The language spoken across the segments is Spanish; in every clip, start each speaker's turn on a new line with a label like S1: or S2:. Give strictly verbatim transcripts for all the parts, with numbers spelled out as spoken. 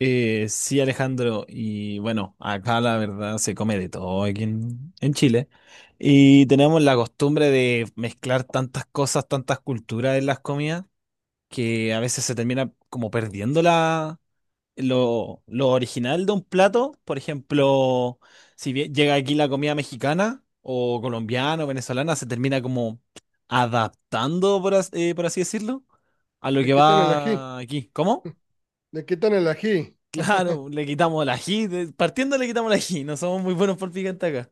S1: Eh, sí, Alejandro, y bueno, acá la verdad se come de todo aquí en, en Chile. Y tenemos la costumbre de mezclar tantas cosas, tantas culturas en las comidas, que a veces se termina como perdiendo la, lo, lo original de un plato. Por ejemplo, si bien llega aquí la comida mexicana o colombiana o venezolana, se termina como adaptando, por, as- eh, por así decirlo, a lo
S2: Le
S1: que
S2: quitan el ají,
S1: va aquí. ¿Cómo?
S2: le quitan el ají.
S1: Claro, le quitamos el ají. de- Partiendo le quitamos el ají. No somos muy buenos por picante acá.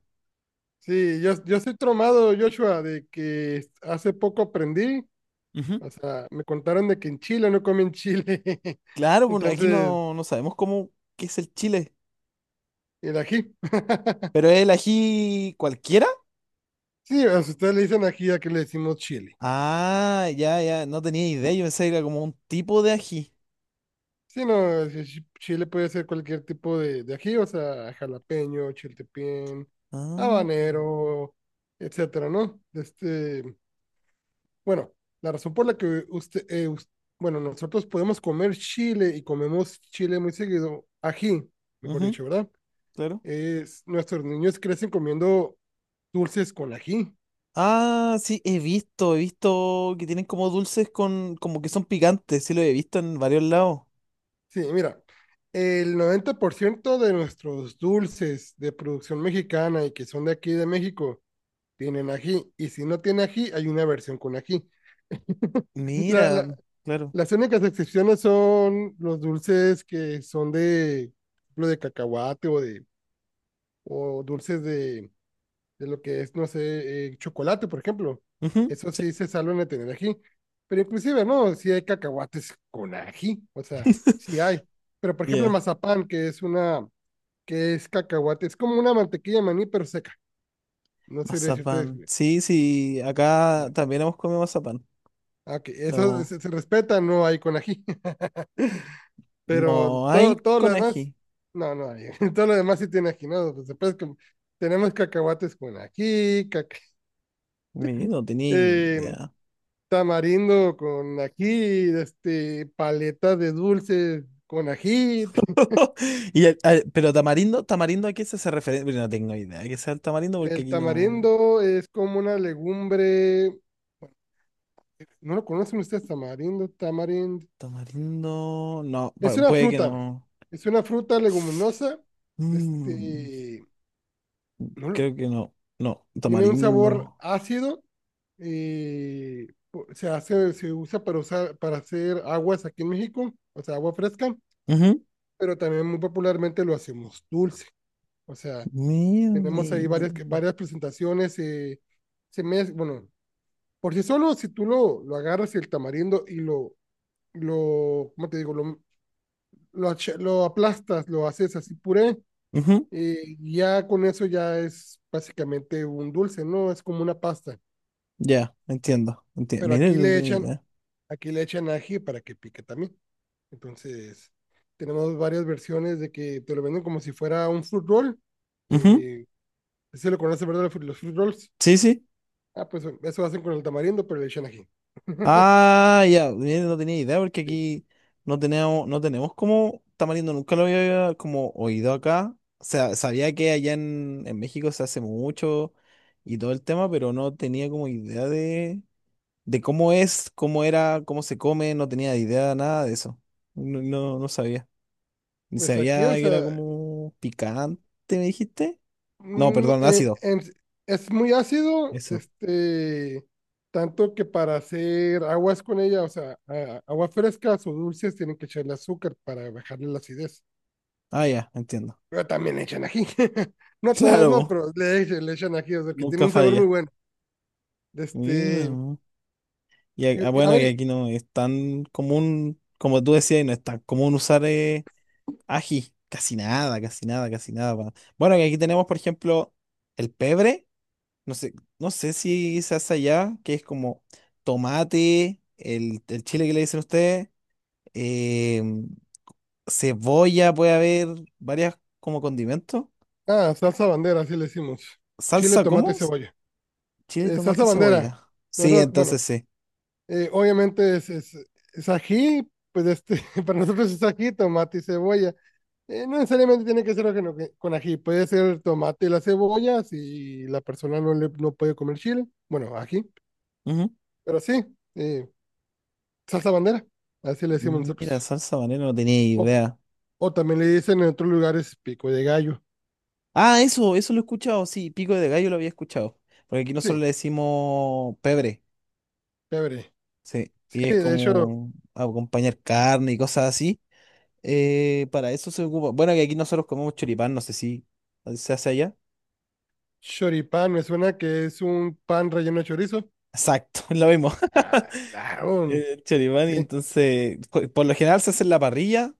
S2: Sí, yo, yo estoy tromado, Joshua, de que hace poco aprendí,
S1: Ujú.
S2: o sea, me contaron de que en Chile no comen chile.
S1: Claro, bueno, aquí
S2: Entonces,
S1: no, no sabemos cómo qué es el chile.
S2: el ají.
S1: ¿Pero es el ají cualquiera?
S2: Sí, o sea, ustedes le dicen ají a que le decimos chile.
S1: Ah, ya, ya, no tenía idea. Yo pensé que era como un tipo de ají.
S2: Sí, no, es que chi- chile puede ser cualquier tipo de, de ají, o sea, jalapeño, chiltepín,
S1: Ah,
S2: habanero, etcétera, ¿no? Este, bueno, la razón por la que usted, eh, us- bueno, nosotros podemos comer chile y comemos chile muy seguido, ají, mejor
S1: ujú,
S2: dicho, ¿verdad?
S1: claro.
S2: Es, nuestros niños crecen comiendo dulces con ají.
S1: Ah, sí, he visto, he visto que tienen como dulces con, como que son picantes. Sí, lo he visto en varios lados.
S2: Sí, mira, el noventa por ciento de nuestros dulces de producción mexicana y que son de aquí de México tienen ají. Y si no tiene ají, hay una versión con ají. La-
S1: Mira,
S2: la-
S1: claro.
S2: las únicas excepciones son los dulces que son de, por ejemplo, de cacahuate o de o dulces de, de lo que es, no sé, eh, chocolate, por ejemplo.
S1: Ujú,
S2: Eso
S1: sí.
S2: sí se salvan de tener ají. Pero inclusive, ¿no? Sí hay cacahuates con ají, o sea, sí hay. Pero por ejemplo, el
S1: Ya.
S2: mazapán, que es una, que es cacahuate, es como una mantequilla de maní, pero seca. No sabría
S1: Mazapán.
S2: decirte.
S1: Sí, sí, acá
S2: Ah,
S1: también hemos comido mazapán.
S2: ah, ok, eso
S1: No,
S2: se, se respeta, no hay con ají. Pero
S1: no hay
S2: todo, todo lo
S1: con
S2: demás,
S1: ají.
S2: no, no hay. Todo lo demás sí tiene ají, ¿no? Pues después que tenemos cacahuates con ají, caca-
S1: Mi, no tenía
S2: eh,
S1: idea.
S2: tamarindo con ají, este, paleta de dulce con ají.
S1: Y el- al- pero tamarindo, tamarindo, ¿a qué se hace referencia? No tengo idea de que sea el tamarindo porque
S2: El
S1: aquí no.
S2: tamarindo es como una legumbre, ¿no lo conocen ustedes? Tamarindo, tamarindo.
S1: Tamarindo. No,
S2: Es
S1: pu-
S2: una
S1: puede que
S2: fruta,
S1: no.
S2: es una fruta leguminosa,
S1: Mm,
S2: este, no lo-
S1: creo que no. No,
S2: tiene un sabor
S1: tamarindo.
S2: ácido y po- se hace, se usa para usar, para hacer aguas aquí en México, o sea, agua fresca,
S1: Ujú.
S2: pero también muy popularmente lo hacemos dulce. O sea, tenemos ahí
S1: Mierda.
S2: varias, varias presentaciones. Eh, se mez- bueno, por sí solo, si tú lo, lo agarras el tamarindo y lo, lo, ¿cómo te digo? Lo, lo, lo aplastas, lo haces así puré,
S1: Ujú.
S2: eh, ya con eso ya es básicamente un dulce, ¿no? Es como una pasta.
S1: Ya, entiendo. Entiendo.
S2: Pero
S1: Mira,
S2: aquí
S1: no
S2: le
S1: tenía
S2: echan,
S1: idea.
S2: aquí le echan ají para que pique también. Entonces, tenemos varias versiones de que te lo venden como si fuera un fruit roll.
S1: Ujú.
S2: Eh, Se lo conoce, ¿verdad? Los fruit rolls.
S1: Sí, sí.
S2: Ah, pues eso hacen con el tamarindo, pero le echan ají.
S1: Ah, ya, mira, no tenía idea porque
S2: Sí.
S1: aquí no tenemos, no tenemos como tamarindo, nunca lo había como oído acá. O sea, sabía que allá en, en México se hace mucho y todo el tema, pero no tenía como idea de, de cómo es, cómo era, cómo se come, no tenía idea de nada de eso. No, no, no sabía. Ni
S2: Pues aquí,
S1: sabía
S2: o
S1: que era
S2: sea,
S1: como picante, ¿me dijiste? No,
S2: mm,
S1: perdón,
S2: eh,
S1: ácido.
S2: en- es muy ácido,
S1: Eso.
S2: este, tanto que para hacer aguas con ella, o sea, a- aguas frescas o dulces, tienen que echarle azúcar para bajarle la acidez.
S1: Ah, ya, entiendo.
S2: Pero también le echan ají. No todos, no,
S1: Claro,
S2: pero le, echan- le echan ají, o sea, que tiene
S1: nunca
S2: un sabor muy
S1: falla.
S2: bueno.
S1: Mira,
S2: Este,
S1: no. Y, a- ah,
S2: y- y a
S1: bueno,
S2: ver,
S1: y
S2: y-
S1: aquí no es tan común, como tú decías, y no es tan común usar eh, ají. Casi nada, casi nada, casi nada. pa- Bueno, y aquí tenemos, por ejemplo, el pebre. No sé, no sé si se hace allá, que es como tomate, el, el chile que le dicen ustedes, eh, cebolla, puede haber varias como condimentos.
S2: ah, salsa bandera, así le decimos. Chile,
S1: ¿Salsa
S2: tomate y
S1: cómo?
S2: cebolla.
S1: Chile,
S2: Eh, salsa
S1: tomate,
S2: bandera.
S1: cebolla.
S2: No,
S1: Sí,
S2: no,
S1: entonces
S2: bueno,
S1: sí.
S2: eh, obviamente es, es, es ají, pues este, para nosotros es ají, tomate y cebolla. Eh, no necesariamente tiene que ser ajeno que- con ají, puede ser tomate y la cebolla si la persona no, le, no puede comer chile, bueno, ají,
S1: Ujú.
S2: pero sí, eh, salsa bandera, así le decimos nosotros.
S1: Mira, salsa banera, no tenía
S2: O,
S1: idea.
S2: o también le dicen en otros lugares pico de gallo,
S1: Ah, eso, eso lo he escuchado, sí, pico de gallo lo había escuchado. Porque aquí
S2: sí,
S1: nosotros le decimos pebre,
S2: chévere.
S1: sí,
S2: Sí,
S1: y es
S2: de hecho,
S1: como acompañar carne y cosas así. Eh, para eso se ocupa. Bueno, que aquí nosotros comemos choripán, no sé si se hace allá.
S2: choripán me suena que es un pan relleno de chorizo.
S1: Exacto, lo mismo.
S2: Ah, claro,
S1: Eh, Choripán,
S2: sí,
S1: y entonces, co- por lo general se hace en la parrilla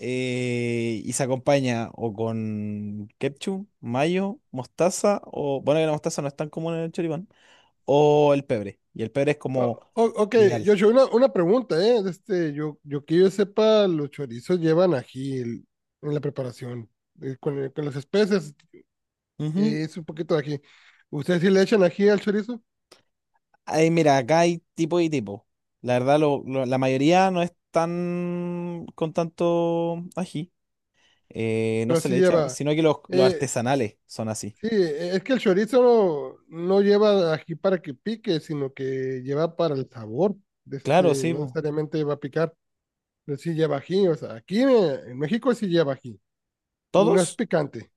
S1: eh, y se acompaña o con ketchup, mayo, mostaza, o bueno, que la mostaza no es tan común en el choripán, o el pebre. Y el pebre es como
S2: O- o- ok,
S1: ideal.
S2: Joshua, una, una pregunta, ¿eh? De Este, yo, yo que yo sepa, los chorizos llevan ají el- en la preparación, eh, con, el- con las especies,
S1: Ujú.
S2: eh, es un poquito de ají. ¿Ustedes sí le echan ají al chorizo?
S1: Ay, mira, acá hay tipo y tipo. La verdad, lo- lo- la mayoría no es tan con tanto ají. Eh, no
S2: Pero
S1: se
S2: sí
S1: le echa,
S2: lleva.
S1: sino que los, los
S2: eh,
S1: artesanales son así.
S2: sí, eh, es que el chorizo no, no lleva ají para que pique, sino que lleva para el sabor. De
S1: Claro,
S2: Este,
S1: sí,
S2: no
S1: po.
S2: necesariamente va a picar, pero sí lleva ají. O sea, aquí eh, en México sí lleva ají y no es
S1: ¿Todos?
S2: picante.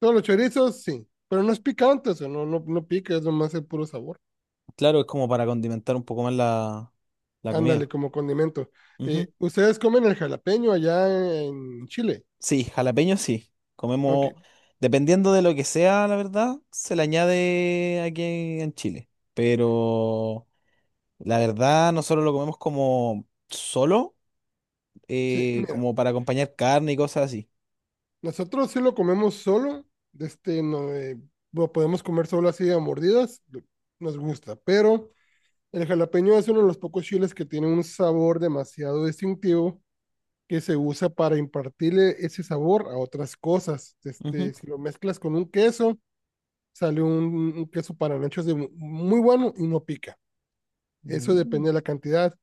S2: No, los chorizos sí, pero no es picante, o sea, no, no, no pica, es nomás el puro sabor.
S1: Claro, es como para condimentar un poco más la, la
S2: Ándale,
S1: comida.
S2: como condimento.
S1: Ujú.
S2: Eh, ¿ustedes comen el jalapeño allá en Chile?
S1: Sí, jalapeño sí.
S2: Ok,
S1: Comemos, dependiendo de lo que sea, la verdad, se le añade aquí en Chile. Pero... La verdad, nosotros lo comemos como solo,
S2: sí,
S1: eh,
S2: mira,
S1: como para acompañar carne y cosas así.
S2: nosotros sí lo comemos solo, de este, no, eh, lo podemos comer solo así a mordidas, lo- nos gusta, pero el jalapeño es uno de los pocos chiles que tiene un sabor demasiado distintivo que se usa para impartirle ese sabor a otras cosas. Este,
S1: Ujú.
S2: si lo mezclas con un queso, sale un, un queso para nachos de muy bueno y no pica. Eso depende
S1: Mm.
S2: de la cantidad.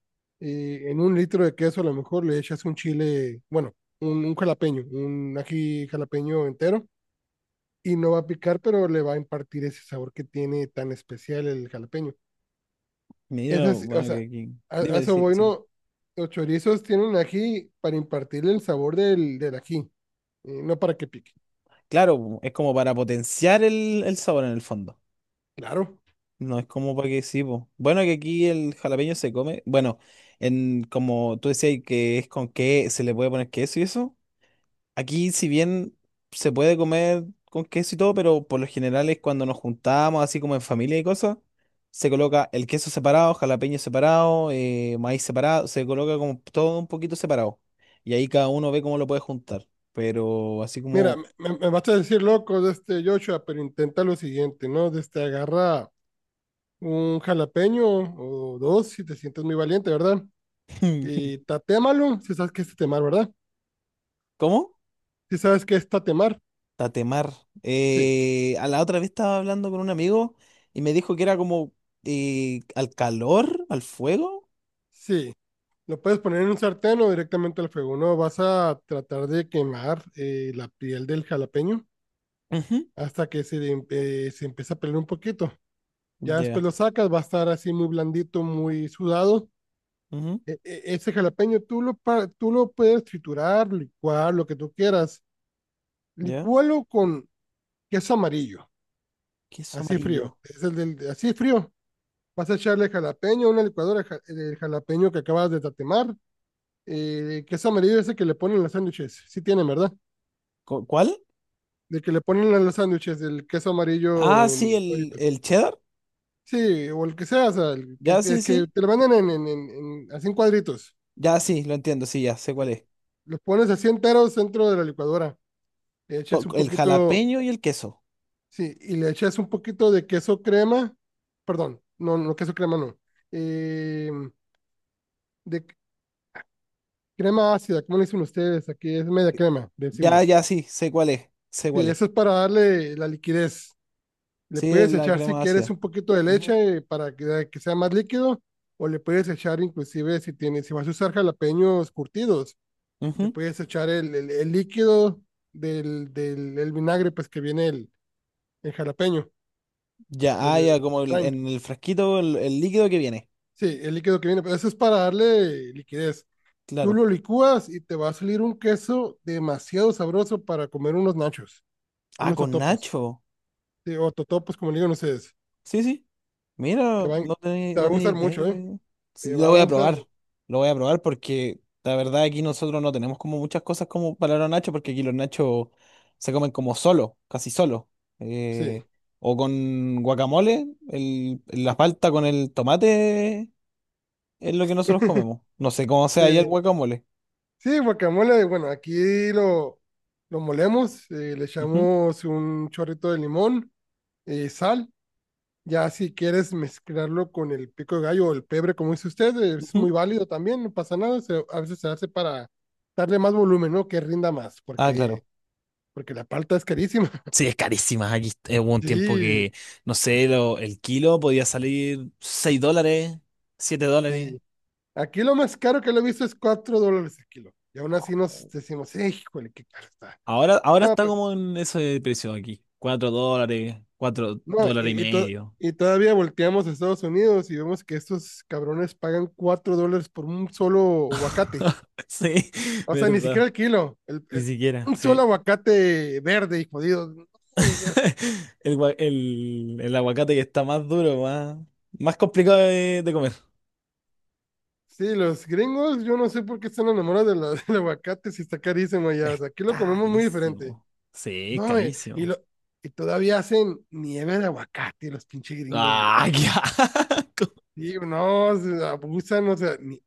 S2: Eh, en un litro de queso a lo mejor le echas un chile, bueno, un, un jalapeño, un ají jalapeño entero y no va a picar, pero le va a impartir ese sabor que tiene tan especial el jalapeño.
S1: Mira,
S2: Esas, o
S1: bueno.
S2: sea,
S1: que, que-
S2: a, a
S1: Dime,
S2: eso
S1: sí,
S2: voy,
S1: sí.
S2: ¿no? Los chorizos tienen ají para impartirle el sabor del, del ají, eh, no para que pique.
S1: Claro, es como para potenciar el, el sabor en el fondo.
S2: Claro.
S1: No es como para que sí, po. Bueno, que aquí el jalapeño se come. Bueno, en como tú decías que es con qué se le puede poner queso y eso. Aquí, si bien se puede comer con queso y todo, pero por lo general es cuando nos juntamos, así como en familia y cosas, se coloca el queso separado, jalapeño separado, eh, maíz separado, se coloca como todo un poquito separado. Y ahí cada uno ve cómo lo puede juntar. Pero así
S2: Mira,
S1: como...
S2: me, me vas a decir loco de este Joshua, pero intenta lo siguiente, ¿no? De este, agarra un jalapeño o dos si te sientes muy valiente, ¿verdad? Y tatémalo, si sabes que es tatemar, ¿verdad?
S1: ¿Cómo?
S2: Si sabes que es tatemar,
S1: Tatemar.
S2: sí,
S1: Eh, a la otra vez estaba hablando con un amigo y me dijo que era como eh, al calor, al fuego.
S2: sí. Lo puedes poner en un sartén o directamente al fuego, ¿no? Vas a tratar de quemar eh, la piel del jalapeño
S1: Ujú.
S2: hasta que se, em- eh, se empiece a pelar un poquito. Ya después
S1: Ya.
S2: lo sacas, va a estar así muy blandito, muy sudado.
S1: Ujú.
S2: E- e- Ese jalapeño tú lo, pa- tú lo puedes triturar, licuar, lo que tú quieras.
S1: Ya.
S2: Licúalo con queso amarillo,
S1: Queso
S2: así
S1: amarillo.
S2: frío. Es el del, así frío. Vas a echarle jalapeño, una licuadora ja- del jalapeño que acabas de tatemar. Eh, queso amarillo ese que le ponen en los sándwiches. Sí tienen, ¿verdad?
S1: ¿Cu- ¿Cuál?
S2: De que le ponen en los sándwiches el queso
S1: Ah,
S2: amarillo
S1: sí,
S2: en
S1: el,
S2: cuadritos.
S1: el cheddar.
S2: Sí, o el que sea, o sea, el que,
S1: Ya, sí,
S2: el que
S1: sí.
S2: te lo venden en, en, en, en- así en cuadritos.
S1: Ya, sí, lo entiendo, sí, ya sé
S2: Sí.
S1: cuál es.
S2: Los pones así enteros dentro de la licuadora. Le echas
S1: To-
S2: un
S1: El
S2: poquito.
S1: jalapeño y el queso.
S2: Sí, y le echas un poquito de queso crema, perdón, no, no queso crema no, eh, de c- crema ácida, ¿cómo le dicen ustedes? Aquí es media crema, le
S1: Ya,
S2: decimos.
S1: ya, sí, sé cuál es. Sé cuál
S2: Sí,
S1: es.
S2: eso es para darle la liquidez. Le
S1: Sí,
S2: puedes
S1: la
S2: echar si
S1: crema
S2: quieres
S1: ácida.
S2: un poquito de
S1: Ujú,
S2: leche, eh, para que, que sea más líquido, o le puedes echar inclusive si tienes, si vas a usar jalapeños curtidos, le
S1: ujú.
S2: puedes echar el, el, el líquido del, del el vinagre, pues que viene el, el jalapeño,
S1: Ya,
S2: el,
S1: ah, ya,
S2: el
S1: como el-
S2: lime.
S1: en el frasquito, el, el líquido que viene.
S2: Sí, el líquido que viene, pero eso es para darle liquidez. Tú
S1: Claro.
S2: lo licúas y te va a salir un queso demasiado sabroso para comer unos nachos,
S1: Ah,
S2: unos
S1: con
S2: totopos.
S1: nacho.
S2: Sí, o totopos, como le digo, no sé. es-
S1: Sí, sí.
S2: Te
S1: Mira,
S2: van,
S1: no tenía,
S2: Te va a
S1: no tenía
S2: gustar
S1: idea que
S2: mucho, ¿eh?
S1: podía- Sí,
S2: Te
S1: lo
S2: va a
S1: voy a
S2: gustar
S1: probar.
S2: mucho.
S1: Lo voy a probar porque la verdad aquí nosotros no tenemos como muchas cosas como para los nachos porque aquí los nachos se comen como solo, casi solo.
S2: Sí.
S1: Eh, o con guacamole, el, la palta con el tomate es lo que nosotros comemos. No sé cómo sea ahí el
S2: Eh,
S1: guacamole.
S2: sí, guacamole, bueno, aquí lo, lo molemos, eh, le
S1: Ujú,
S2: echamos un chorrito de limón, eh, sal. Ya si quieres mezclarlo con el pico de gallo o el pebre, como dice usted, es muy
S1: ujú.
S2: válido también, no pasa nada, se- a veces se hace para darle más volumen, ¿no? Que rinda más,
S1: Ah,
S2: porque,
S1: claro.
S2: porque la palta es carísima.
S1: Sí, es carísima. Aquí eh, hubo un tiempo
S2: Sí,
S1: que, no sé, lo- el kilo podía salir seis dólares, siete dólares.
S2: sí. Aquí lo más caro que lo he visto es cuatro dólares el kilo. Y aún así nos decimos, "Eh, híjole, qué caro está."
S1: Ahora, ahora
S2: No,
S1: está
S2: pues,
S1: como en ese precio aquí. Cuatro dólares, cuatro
S2: no,
S1: dólares y
S2: y, y to-
S1: medio.
S2: y todavía volteamos a Estados Unidos y vemos que estos cabrones pagan cuatro dólares por un solo aguacate.
S1: Sí,
S2: O sea, ni siquiera
S1: verdad.
S2: el kilo. El,
S1: Ni
S2: el-
S1: siquiera,
S2: un solo
S1: sí.
S2: aguacate verde y jodido.
S1: El, gua- el, el aguacate que está más duro, más, más complicado de, de comer.
S2: Sí, los gringos, yo no sé por qué están enamorados de la- del aguacate si está carísimo allá. O
S1: Es
S2: sea, aquí lo comemos muy diferente.
S1: carísimo. Sí, es
S2: No, y, y
S1: carísimo.
S2: lo, y todavía hacen nieve de aguacate los pinches gringos, güey.
S1: ¡Ah, qué asco!
S2: Sí, no, se abusan, o sea, ni-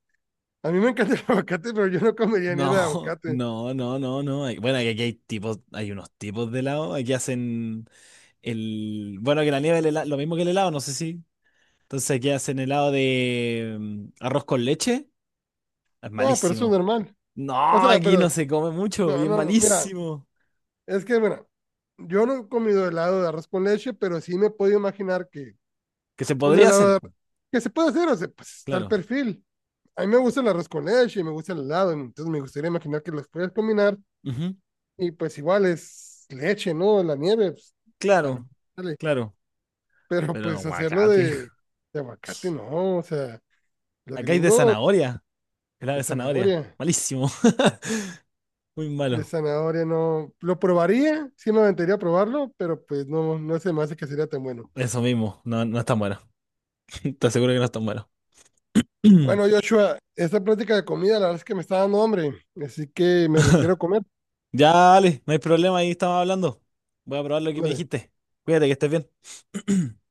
S2: a mí me encanta el aguacate, pero yo no comería nieve de
S1: No,
S2: aguacate.
S1: no, no, no, no. Hay- Bueno, aquí hay tipos, hay unos tipos de helado. Aquí hacen el. Bueno, que la nieve, el helado, lo mismo que el helado, no sé si. Entonces, ¿qué hacen helado de mm, arroz con leche? Es
S2: Ah, pero eso es
S1: malísimo.
S2: normal. O
S1: No,
S2: sea,
S1: aquí
S2: pero,
S1: no se come mucho y
S2: no,
S1: es
S2: no, no, mira,
S1: malísimo.
S2: es que, mira, yo no he comido helado de arroz con leche, pero sí me puedo imaginar que
S1: Que se
S2: un
S1: podría hacer,
S2: helado
S1: po,
S2: que se puede hacer, o sea, pues está el
S1: claro.
S2: perfil. A mí me gusta el arroz con leche y me gusta el helado, entonces me gustaría imaginar que los puedes combinar
S1: Ujú.
S2: y pues igual es leche, ¿no? La nieve, pues, es
S1: Claro,
S2: palo, dale.
S1: claro.
S2: Pero
S1: Pero
S2: pues hacerlo
S1: aguacate.
S2: de, de aguacate, no, o sea, los
S1: Acá hay de
S2: gringos
S1: zanahoria. Helado
S2: de
S1: de zanahoria.
S2: zanahoria,
S1: Malísimo. Muy
S2: de
S1: malo.
S2: zanahoria no, lo probaría, sí me aventaría a probarlo, pero pues no, no se me hace que sería tan bueno.
S1: Eso mismo. No, no es tan bueno. Te aseguro que no es tan bueno.
S2: Bueno, Joshua, esta plática de comida la verdad es que me está dando hambre, así que me retiro a comer,
S1: Ya, dale. No hay problema. Ahí estamos hablando. Voy a probar lo que me
S2: vale.
S1: dijiste. Cuídate, que estés bien.